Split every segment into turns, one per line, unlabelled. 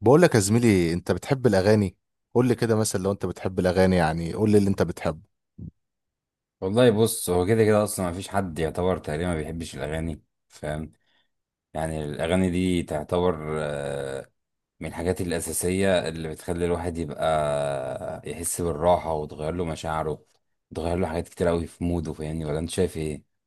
بقول لك يا زميلي، انت بتحب الاغاني؟ قول لي كده مثلا، لو انت بتحب الاغاني، يعني قول لي اللي انت بتحبه.
والله بص، هو كده كده اصلا ما فيش حد يعتبر تقريبا ما بيحبش الاغاني. فاهم؟ يعني الاغاني دي تعتبر من الحاجات الاساسيه اللي بتخلي الواحد يبقى يحس بالراحه وتغير له مشاعره، تغير له حاجات كتير قوي في موده. فاهمني ولا انت شايف ايه؟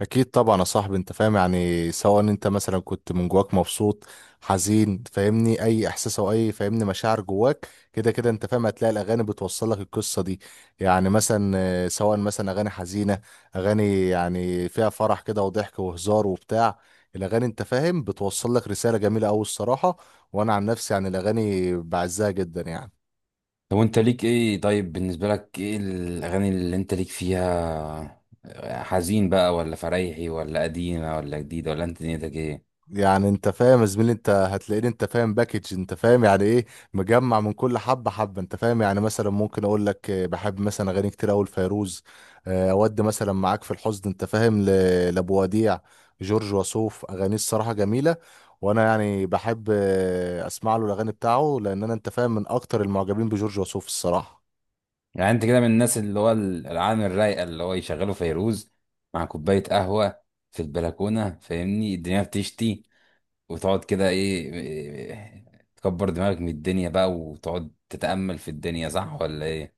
اكيد طبعا يا صاحبي، انت فاهم يعني، سواء انت مثلا كنت من جواك مبسوط، حزين، فاهمني، اي احساس او اي فاهمني مشاعر جواك، كده كده انت فاهم هتلاقي الاغاني بتوصل لك القصه دي. يعني مثلا سواء مثلا اغاني حزينه، اغاني يعني فيها فرح كده وضحك وهزار وبتاع. الاغاني انت فاهم بتوصل لك رساله جميله قوي الصراحه. وانا عن نفسي يعني الاغاني بعزها جدا يعني.
طب وانت ليك ايه؟ طيب بالنسبه لك ايه الاغاني اللي انت ليك فيها؟ حزين بقى ولا فريحي ولا قديمه ولا جديده ولا انت دنيتك ايه؟
يعني انت فاهم يا زميلي، انت هتلاقيني انت فاهم باكج، انت فاهم يعني ايه، مجمع من كل حبه حبه. انت فاهم يعني مثلا ممكن اقول لك بحب مثلا اغاني كتير اوي لفيروز. اه، اودي مثلا معاك في الحزن انت فاهم لابو وديع. جورج وسوف اغانيه الصراحه جميله، وانا يعني بحب اسمع له الاغاني بتاعه، لان انا انت فاهم من اكتر المعجبين بجورج وسوف الصراحه.
يعني انت كده من الناس اللي هو العالم الرايقه، اللي هو يشغلوا فيروز مع كوبايه قهوه في البلكونه، فاهمني الدنيا بتشتي وتقعد كده ايه تكبر دماغك من الدنيا بقى وتقعد تتامل في الدنيا. صح ولا ايه؟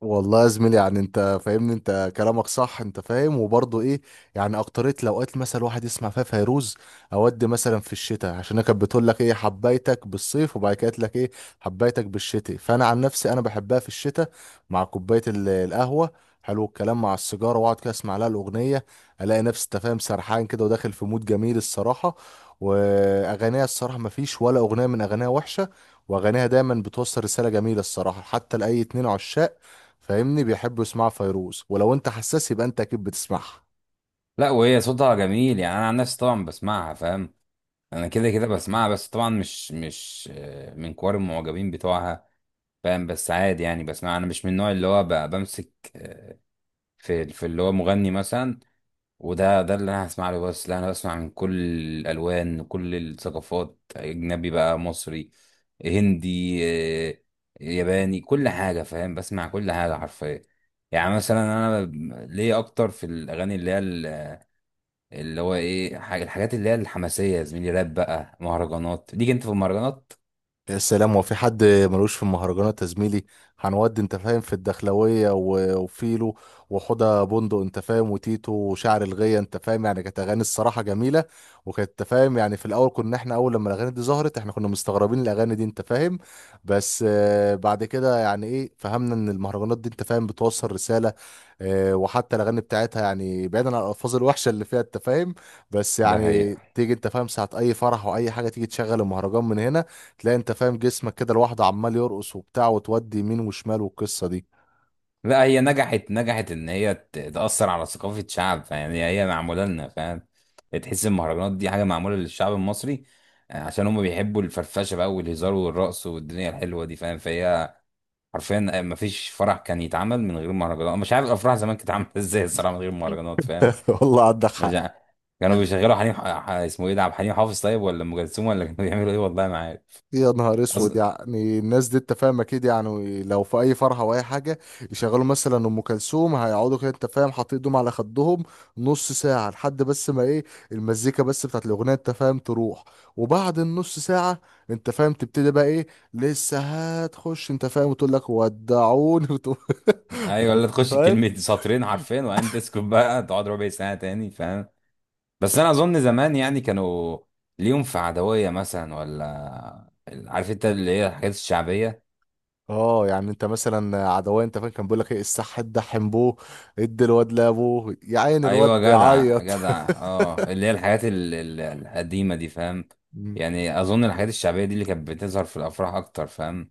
والله يا زميلي، يعني انت فاهمني، انت كلامك صح انت فاهم، وبرضه ايه، يعني اكتريت الاوقات مثلا الواحد يسمع فيها فيروز اودي مثلا في الشتاء، عشان هي كانت بتقول لك ايه، حبيتك بالصيف، وبعد كده قالت لك ايه، حبيتك بالشتاء. فانا عن نفسي انا بحبها في الشتاء، مع كوبايه القهوه، حلو الكلام مع السيجاره، واقعد كده اسمع لها الاغنيه، الاقي نفسي انت فاهم سرحان كده وداخل في مود جميل الصراحه. واغانيها الصراحه ما فيش ولا اغنيه من اغانيها وحشه، واغانيها دايما بتوصل رساله جميله الصراحه، حتى لاي اتنين عشاق فاهمني بيحبوا يسمعوا فيروز، ولو انت حساس يبقى انت اكيد بتسمعها.
لا، وهي صوتها جميل. يعني انا عن نفسي طبعا بسمعها، فاهم؟ انا كده كده بسمعها، بس طبعا مش من كوار المعجبين بتوعها، فاهم؟ بس عادي يعني بسمعها. انا مش من النوع اللي هو بمسك في اللي هو مغني مثلا، وده اللي انا هسمع له. بس لا، انا بسمع من كل الالوان، كل الثقافات، اجنبي بقى، مصري، هندي، آه، ياباني، كل حاجه، فاهم؟ بسمع كل حاجه حرفيا. يعني مثلا انا ليا اكتر في الاغاني اللي هي اللي هو ايه الحاجات اللي هي الحماسيه، يا زميلي، راب بقى، مهرجانات. ليك انت في المهرجانات؟
يا سلام، وفي حد ملوش في المهرجانات يا زميلي؟ هنودي انت فاهم في الدخلوية وفيلو وحوضة بندق، انت فاهم وتيتو وشعر الغية. انت فاهم يعني كانت اغاني الصراحة جميلة، وكانت انت فاهم يعني في الاول، كنا احنا اول لما الاغاني دي ظهرت احنا كنا مستغربين الاغاني دي انت فاهم، بس بعد كده يعني ايه، فهمنا ان المهرجانات دي انت فاهم بتوصل رسالة. وحتى الاغاني بتاعتها يعني بعيدا عن الالفاظ الوحشة اللي فيها انت فاهم، بس
ده
يعني
حقيقة.
تيجي انت فاهم ساعة اي فرح واي حاجة، تيجي تشغل المهرجان من هنا، تلاقي انت فاهم جسمك كده لوحده عمال يرقص وبتاع، وتودي يمين وشمال، والقصه دي.
لا، هي نجحت نجحت ان هي تأثر على ثقافة شعب. فيعني هي معمولة لنا، فاهم؟ تحس المهرجانات دي حاجة معمولة للشعب المصري، عشان هم بيحبوا الفرفشة بقى والهزار والرقص والدنيا الحلوة دي، فاهم؟ فهي حرفيا ما فيش فرح كان يتعمل من غير مهرجانات. أنا مش عارف الافراح زمان كانت عاملة ازاي الصراحة من غير مهرجانات، فاهم؟
والله عندك
مش
حق.
عارف. كانوا بيشغلوا حنين اسمه ايه ده، عبد الحليم حافظ طيب ولا ام كلثوم، ولا كانوا بيعملوا ايه؟ والله ما عارف.
يا نهار
أص...
اسود، يعني الناس دي انت فاهم اكيد، يعني لو في اي فرحه او اي حاجه يشغلوا مثلا ام كلثوم، هيقعدوا كده انت فاهم حاطين ايدهم على خدهم نص ساعه، لحد بس ما ايه، المزيكا بس بتاعت الاغنيه انت فاهم تروح، وبعد النص ساعه انت فاهم تبتدي بقى ايه، لسه هتخش انت فاهم وتقول لك ودعوني وتقول.
ايوه، ولا تخش كلمة
فاهم.
سطرين حرفين وبعدين تسكت بقى، تقعد ربع ساعة تاني، فاهم؟ بس انا اظن زمان يعني كانوا ليهم في عدوية مثلا، ولا عارف انت اللي هي الحاجات الشعبية.
اه يعني انت مثلا عدوان انت فاكر، كان بيقول لك ايه الصح، ادحم بوه، ادي الواد لابوه يا عين الواد
ايوه، جدع
بيعيط.
جدع، اه، اللي هي الحاجات القديمة دي، فاهم؟
مم.
يعني اظن الحاجات الشعبية دي اللي كانت بتظهر في الافراح اكتر، فاهم؟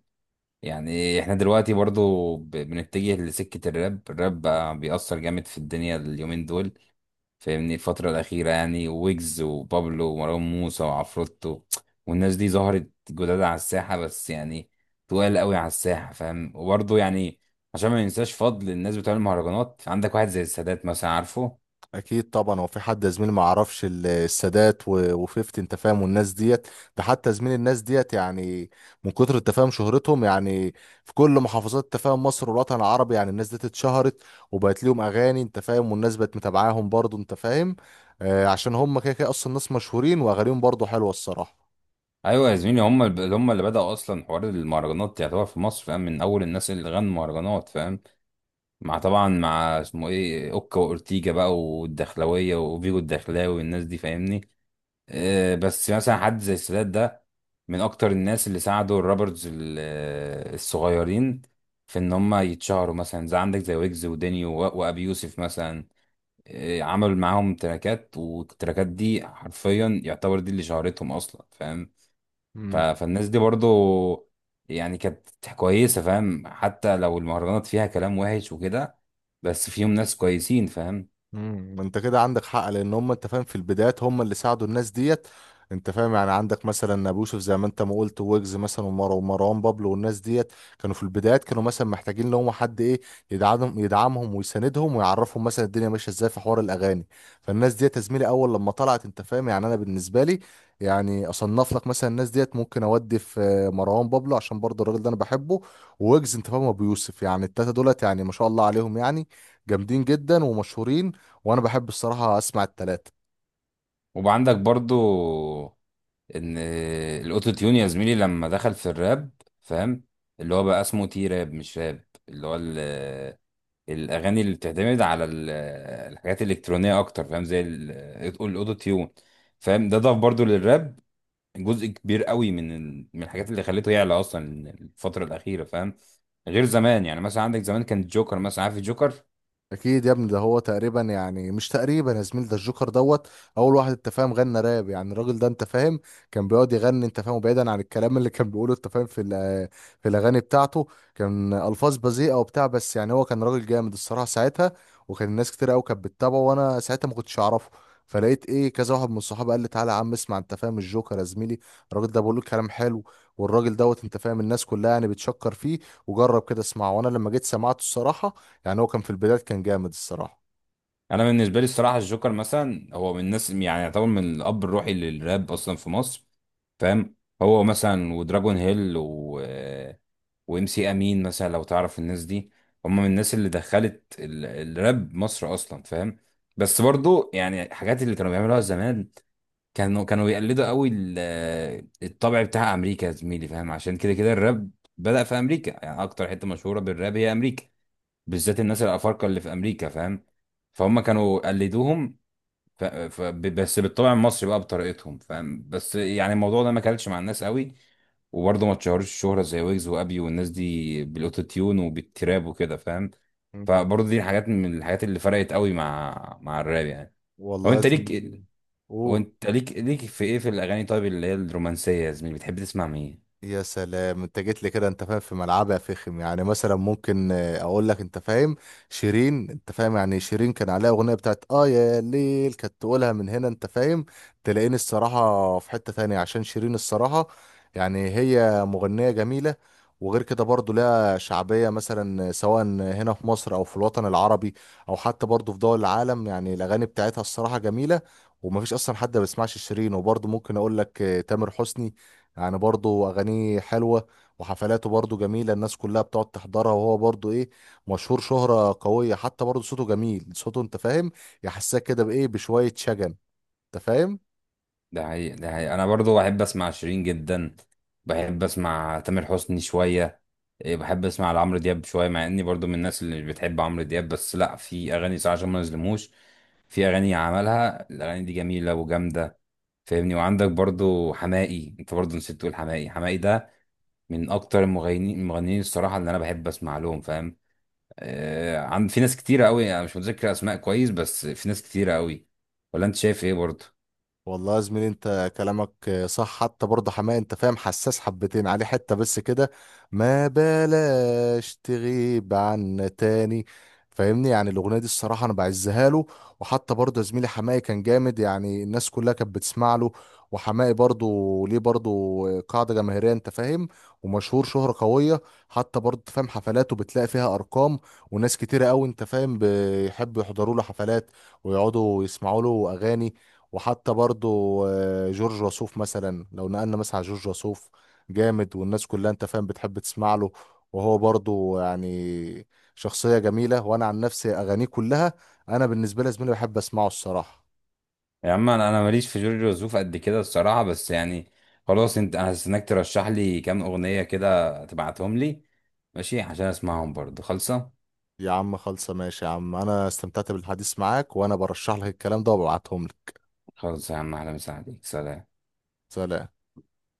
يعني احنا دلوقتي برضو بنتجه لسكة الراب. الراب بقى بيأثر جامد في الدنيا اليومين دول، فاهمني الفترة الأخيرة، يعني ويجز وبابلو ومروان موسى وعفروتو والناس دي ظهرت جداد على الساحة، بس يعني تقال قوي على الساحة، فاهم؟ وبرضه يعني عشان ما ننساش فضل الناس بتوع المهرجانات، عندك واحد زي السادات مثلا، عارفه؟
اكيد طبعا، هو في حد يا زميلي ما يعرفش السادات وفيفتي انت فاهم والناس ديت؟ ده حتى زميل الناس ديت يعني من كتر التفاهم شهرتهم، يعني في كل محافظات تفاهم مصر والوطن العربي، يعني الناس ديت اتشهرت وبقت ليهم اغاني انت فاهم، والناس بقت متابعاهم برضو انت فاهم. آه، عشان هم كده كده اصلا ناس مشهورين، واغانيهم برضو حلوه الصراحه.
ايوه يا زميلي، هم اللي بدأوا اصلا حوار المهرجانات يعتبر في مصر، فاهم؟ من اول الناس اللي غنوا مهرجانات، فاهم؟ مع طبعا مع اسمه ايه، اوكا واورتيجا بقى والدخلاويه وفيجو الدخلاوي والناس دي، فاهمني. بس مثلا حد زي السادات ده من اكتر الناس اللي ساعدوا الرابرز الصغيرين في ان هم يتشهروا، مثلا زي عندك زي ويجز ودينيو وابي يوسف مثلا. عمل معاهم تراكات، والتراكات دي حرفيا يعتبر دي اللي شهرتهم اصلا، فاهم؟
مم.
فالناس دي برضو يعني كانت كويسة، فاهم؟ حتى لو المهرجانات فيها كلام وحش وكده، بس فيهم ناس كويسين، فاهم؟
انت كده عندك حق، لان هم انت فاهم في البدايات هم اللي ساعدوا الناس ديت. انت فاهم يعني عندك مثلا ابو يوسف، زي ما انت ما قلت، ويجز مثلا ومروان بابلو والناس ديت، كانوا في البدايات كانوا مثلا محتاجين لهم حد ايه، يدعمهم، يدعمهم ويساندهم، ويعرفهم مثلا الدنيا ماشيه ازاي في حوار الاغاني. فالناس ديت يا زميلي اول لما طلعت انت فاهم، يعني انا بالنسبه لي يعني اصنف لك مثلا الناس ديت، ممكن اودي في مروان بابلو عشان برضه الراجل ده انا بحبه، ويجز انت فاهم، ابو يوسف. يعني التلاته دولت يعني ما شاء الله عليهم، يعني جامدين جدا ومشهورين، وانا بحب الصراحه اسمع التلاتة.
وعندك برضو ان الاوتو تيون يا زميلي لما دخل في الراب، فاهم؟ اللي هو بقى اسمه تي راب مش راب، اللي هو الاغاني اللي بتعتمد على الحاجات الالكترونيه اكتر، فاهم؟ زي الاوتو تيون، فاهم؟ ده ضاف برضو للراب جزء كبير قوي من من الحاجات اللي خليته يعلى اصلا الفتره الاخيره، فاهم؟ غير زمان. يعني مثلا عندك زمان كان الجوكر مثلا، عارف الجوكر؟
اكيد يا ابني، ده هو تقريبا، يعني مش تقريبا يا زميل، ده الجوكر دوت اول واحد انت فاهم غنى راب. يعني الراجل ده انت فاهم كان بيقعد يغني انت فاهم، بعيدا عن الكلام اللي كان بيقوله انت فاهم، في الاغاني بتاعته كان الفاظ بذيئه وبتاع، بس يعني هو كان راجل جامد الصراحه ساعتها، وكان الناس كتير قوي كانت بتتابعه، وانا ساعتها ما كنتش اعرفه. فلقيت ايه، كذا واحد من صحابي قال لي تعالى يا عم اسمع انت فاهم الجوكر يا زميلي، الراجل ده بيقول لك كلام حلو، والراجل دوت انت فاهم الناس كلها يعني بتشكر فيه، وجرب كده اسمعه. وانا لما جيت سمعته الصراحه، يعني هو كان في البداية كان جامد الصراحة.
انا بالنسبه لي الصراحه الجوكر مثلا هو من الناس يعني يعتبر من الاب الروحي للراب اصلا في مصر، فاهم؟ هو مثلا ودراجون هيل و وام سي امين مثلا، لو تعرف الناس دي، هم من الناس اللي دخلت الراب مصر اصلا، فاهم؟ بس برضو يعني الحاجات اللي كانوا بيعملوها زمان، كانوا بيقلدوا قوي الطبع بتاع امريكا يا زميلي، فاهم؟ عشان كده كده الراب بدأ في امريكا. يعني اكتر حته مشهوره بالراب هي امريكا، بالذات الناس الافارقه اللي في امريكا، فاهم؟ فهم كانوا قلدوهم. بس بالطبع المصري بقى بطريقتهم، فاهم؟ بس يعني الموضوع ده ما كلش مع الناس قوي، وبرضه ما اتشهرش الشهرة زي ويجز وابي والناس دي بالاوتو تيون وبالتراب وكده، فاهم؟
مم.
فبرضه دي حاجات من الحاجات اللي فرقت قوي مع الراب يعني. هو
والله يا
انت ليك،
زميلي. قول.
وانت ليك في ايه في الاغاني طيب اللي هي الرومانسيه يا زميلي؟ بتحب تسمع مين؟
يا سلام، انت جيت لي كده انت فاهم في ملعبي يا فخم. يعني مثلا ممكن اقول لك انت فاهم شيرين. انت فاهم يعني شيرين كان عليها اغنيه بتاعت اه يا ليل كانت تقولها من هنا، انت فاهم تلاقيني الصراحه في حته تانية، عشان شيرين الصراحه يعني هي مغنيه جميله. وغير كده برضو لها شعبيه، مثلا سواء هنا في مصر او في الوطن العربي، او حتى برضو في دول العالم، يعني الاغاني بتاعتها الصراحه جميله، ومفيش اصلا حد ما بيسمعش شيرين. وبرضو ممكن اقول لك تامر حسني، يعني برضه اغانيه حلوه، وحفلاته برضه جميله، الناس كلها بتقعد تحضرها، وهو برضه ايه، مشهور شهره قويه، حتى برضه صوته جميل، صوته انت فاهم يحسسك كده بايه، بشويه شجن انت فاهم.
ده حقيقي ده حقيقي، انا برضو بحب اسمع شيرين جدا. بحب اسمع تامر حسني شويه. بحب اسمع لعمرو دياب شويه، مع اني برضو من الناس اللي بتحب عمرو دياب، بس لا، في اغاني صراحه عشان ما نظلموش، في اغاني عملها، الاغاني دي جميله وجامده، فاهمني. وعندك برضو حماقي. انت برضو نسيت تقول حماقي. حماقي ده من اكتر المغنيين الصراحه اللي انا بحب اسمع لهم، فاهم؟ آه، عند في ناس كتيره قوي انا مش متذكر اسماء كويس، بس في ناس كتيره قوي. ولا انت شايف ايه برضو؟
والله يا زميلي انت كلامك صح، حتى برضه حماقي انت فاهم حساس حبتين عليه حتة، بس كده ما بلاش تغيب عنا تاني فاهمني. يعني الاغنية دي الصراحة انا بعزها له. وحتى برضه يا زميلي حماقي كان جامد، يعني الناس كلها كانت بتسمع له، وحماقي برضه ليه برضه قاعدة جماهيرية انت فاهم، ومشهور شهرة قوية. حتى برضه أنت فاهم حفلاته بتلاقي فيها ارقام، وناس كتيرة قوي انت فاهم بيحبوا يحضروا له حفلات، ويقعدوا يسمعوا له اغاني. وحتى برضو جورج وسوف، مثلا لو نقلنا مثلا على جورج وسوف، جامد، والناس كلها انت فاهم بتحب تسمع له. وهو برضو يعني شخصية جميلة، وانا عن نفسي اغانيه كلها، انا بالنسبة لي يا زميلي بحب اسمعه الصراحة.
يا عم، انا ماليش في جورج وسوف قد كده الصراحه، بس يعني خلاص، انت انا هستناك ترشح لي كام اغنيه كده تبعتهم لي، ماشي؟ عشان اسمعهم برضه خالصه.
يا عم خلصة ماشي، يا عم انا استمتعت بالحديث معاك، وانا برشح لك الكلام ده وببعتهم لك.
خالص يا عم، اهلا وسهلا بيك. سلام.
سلام.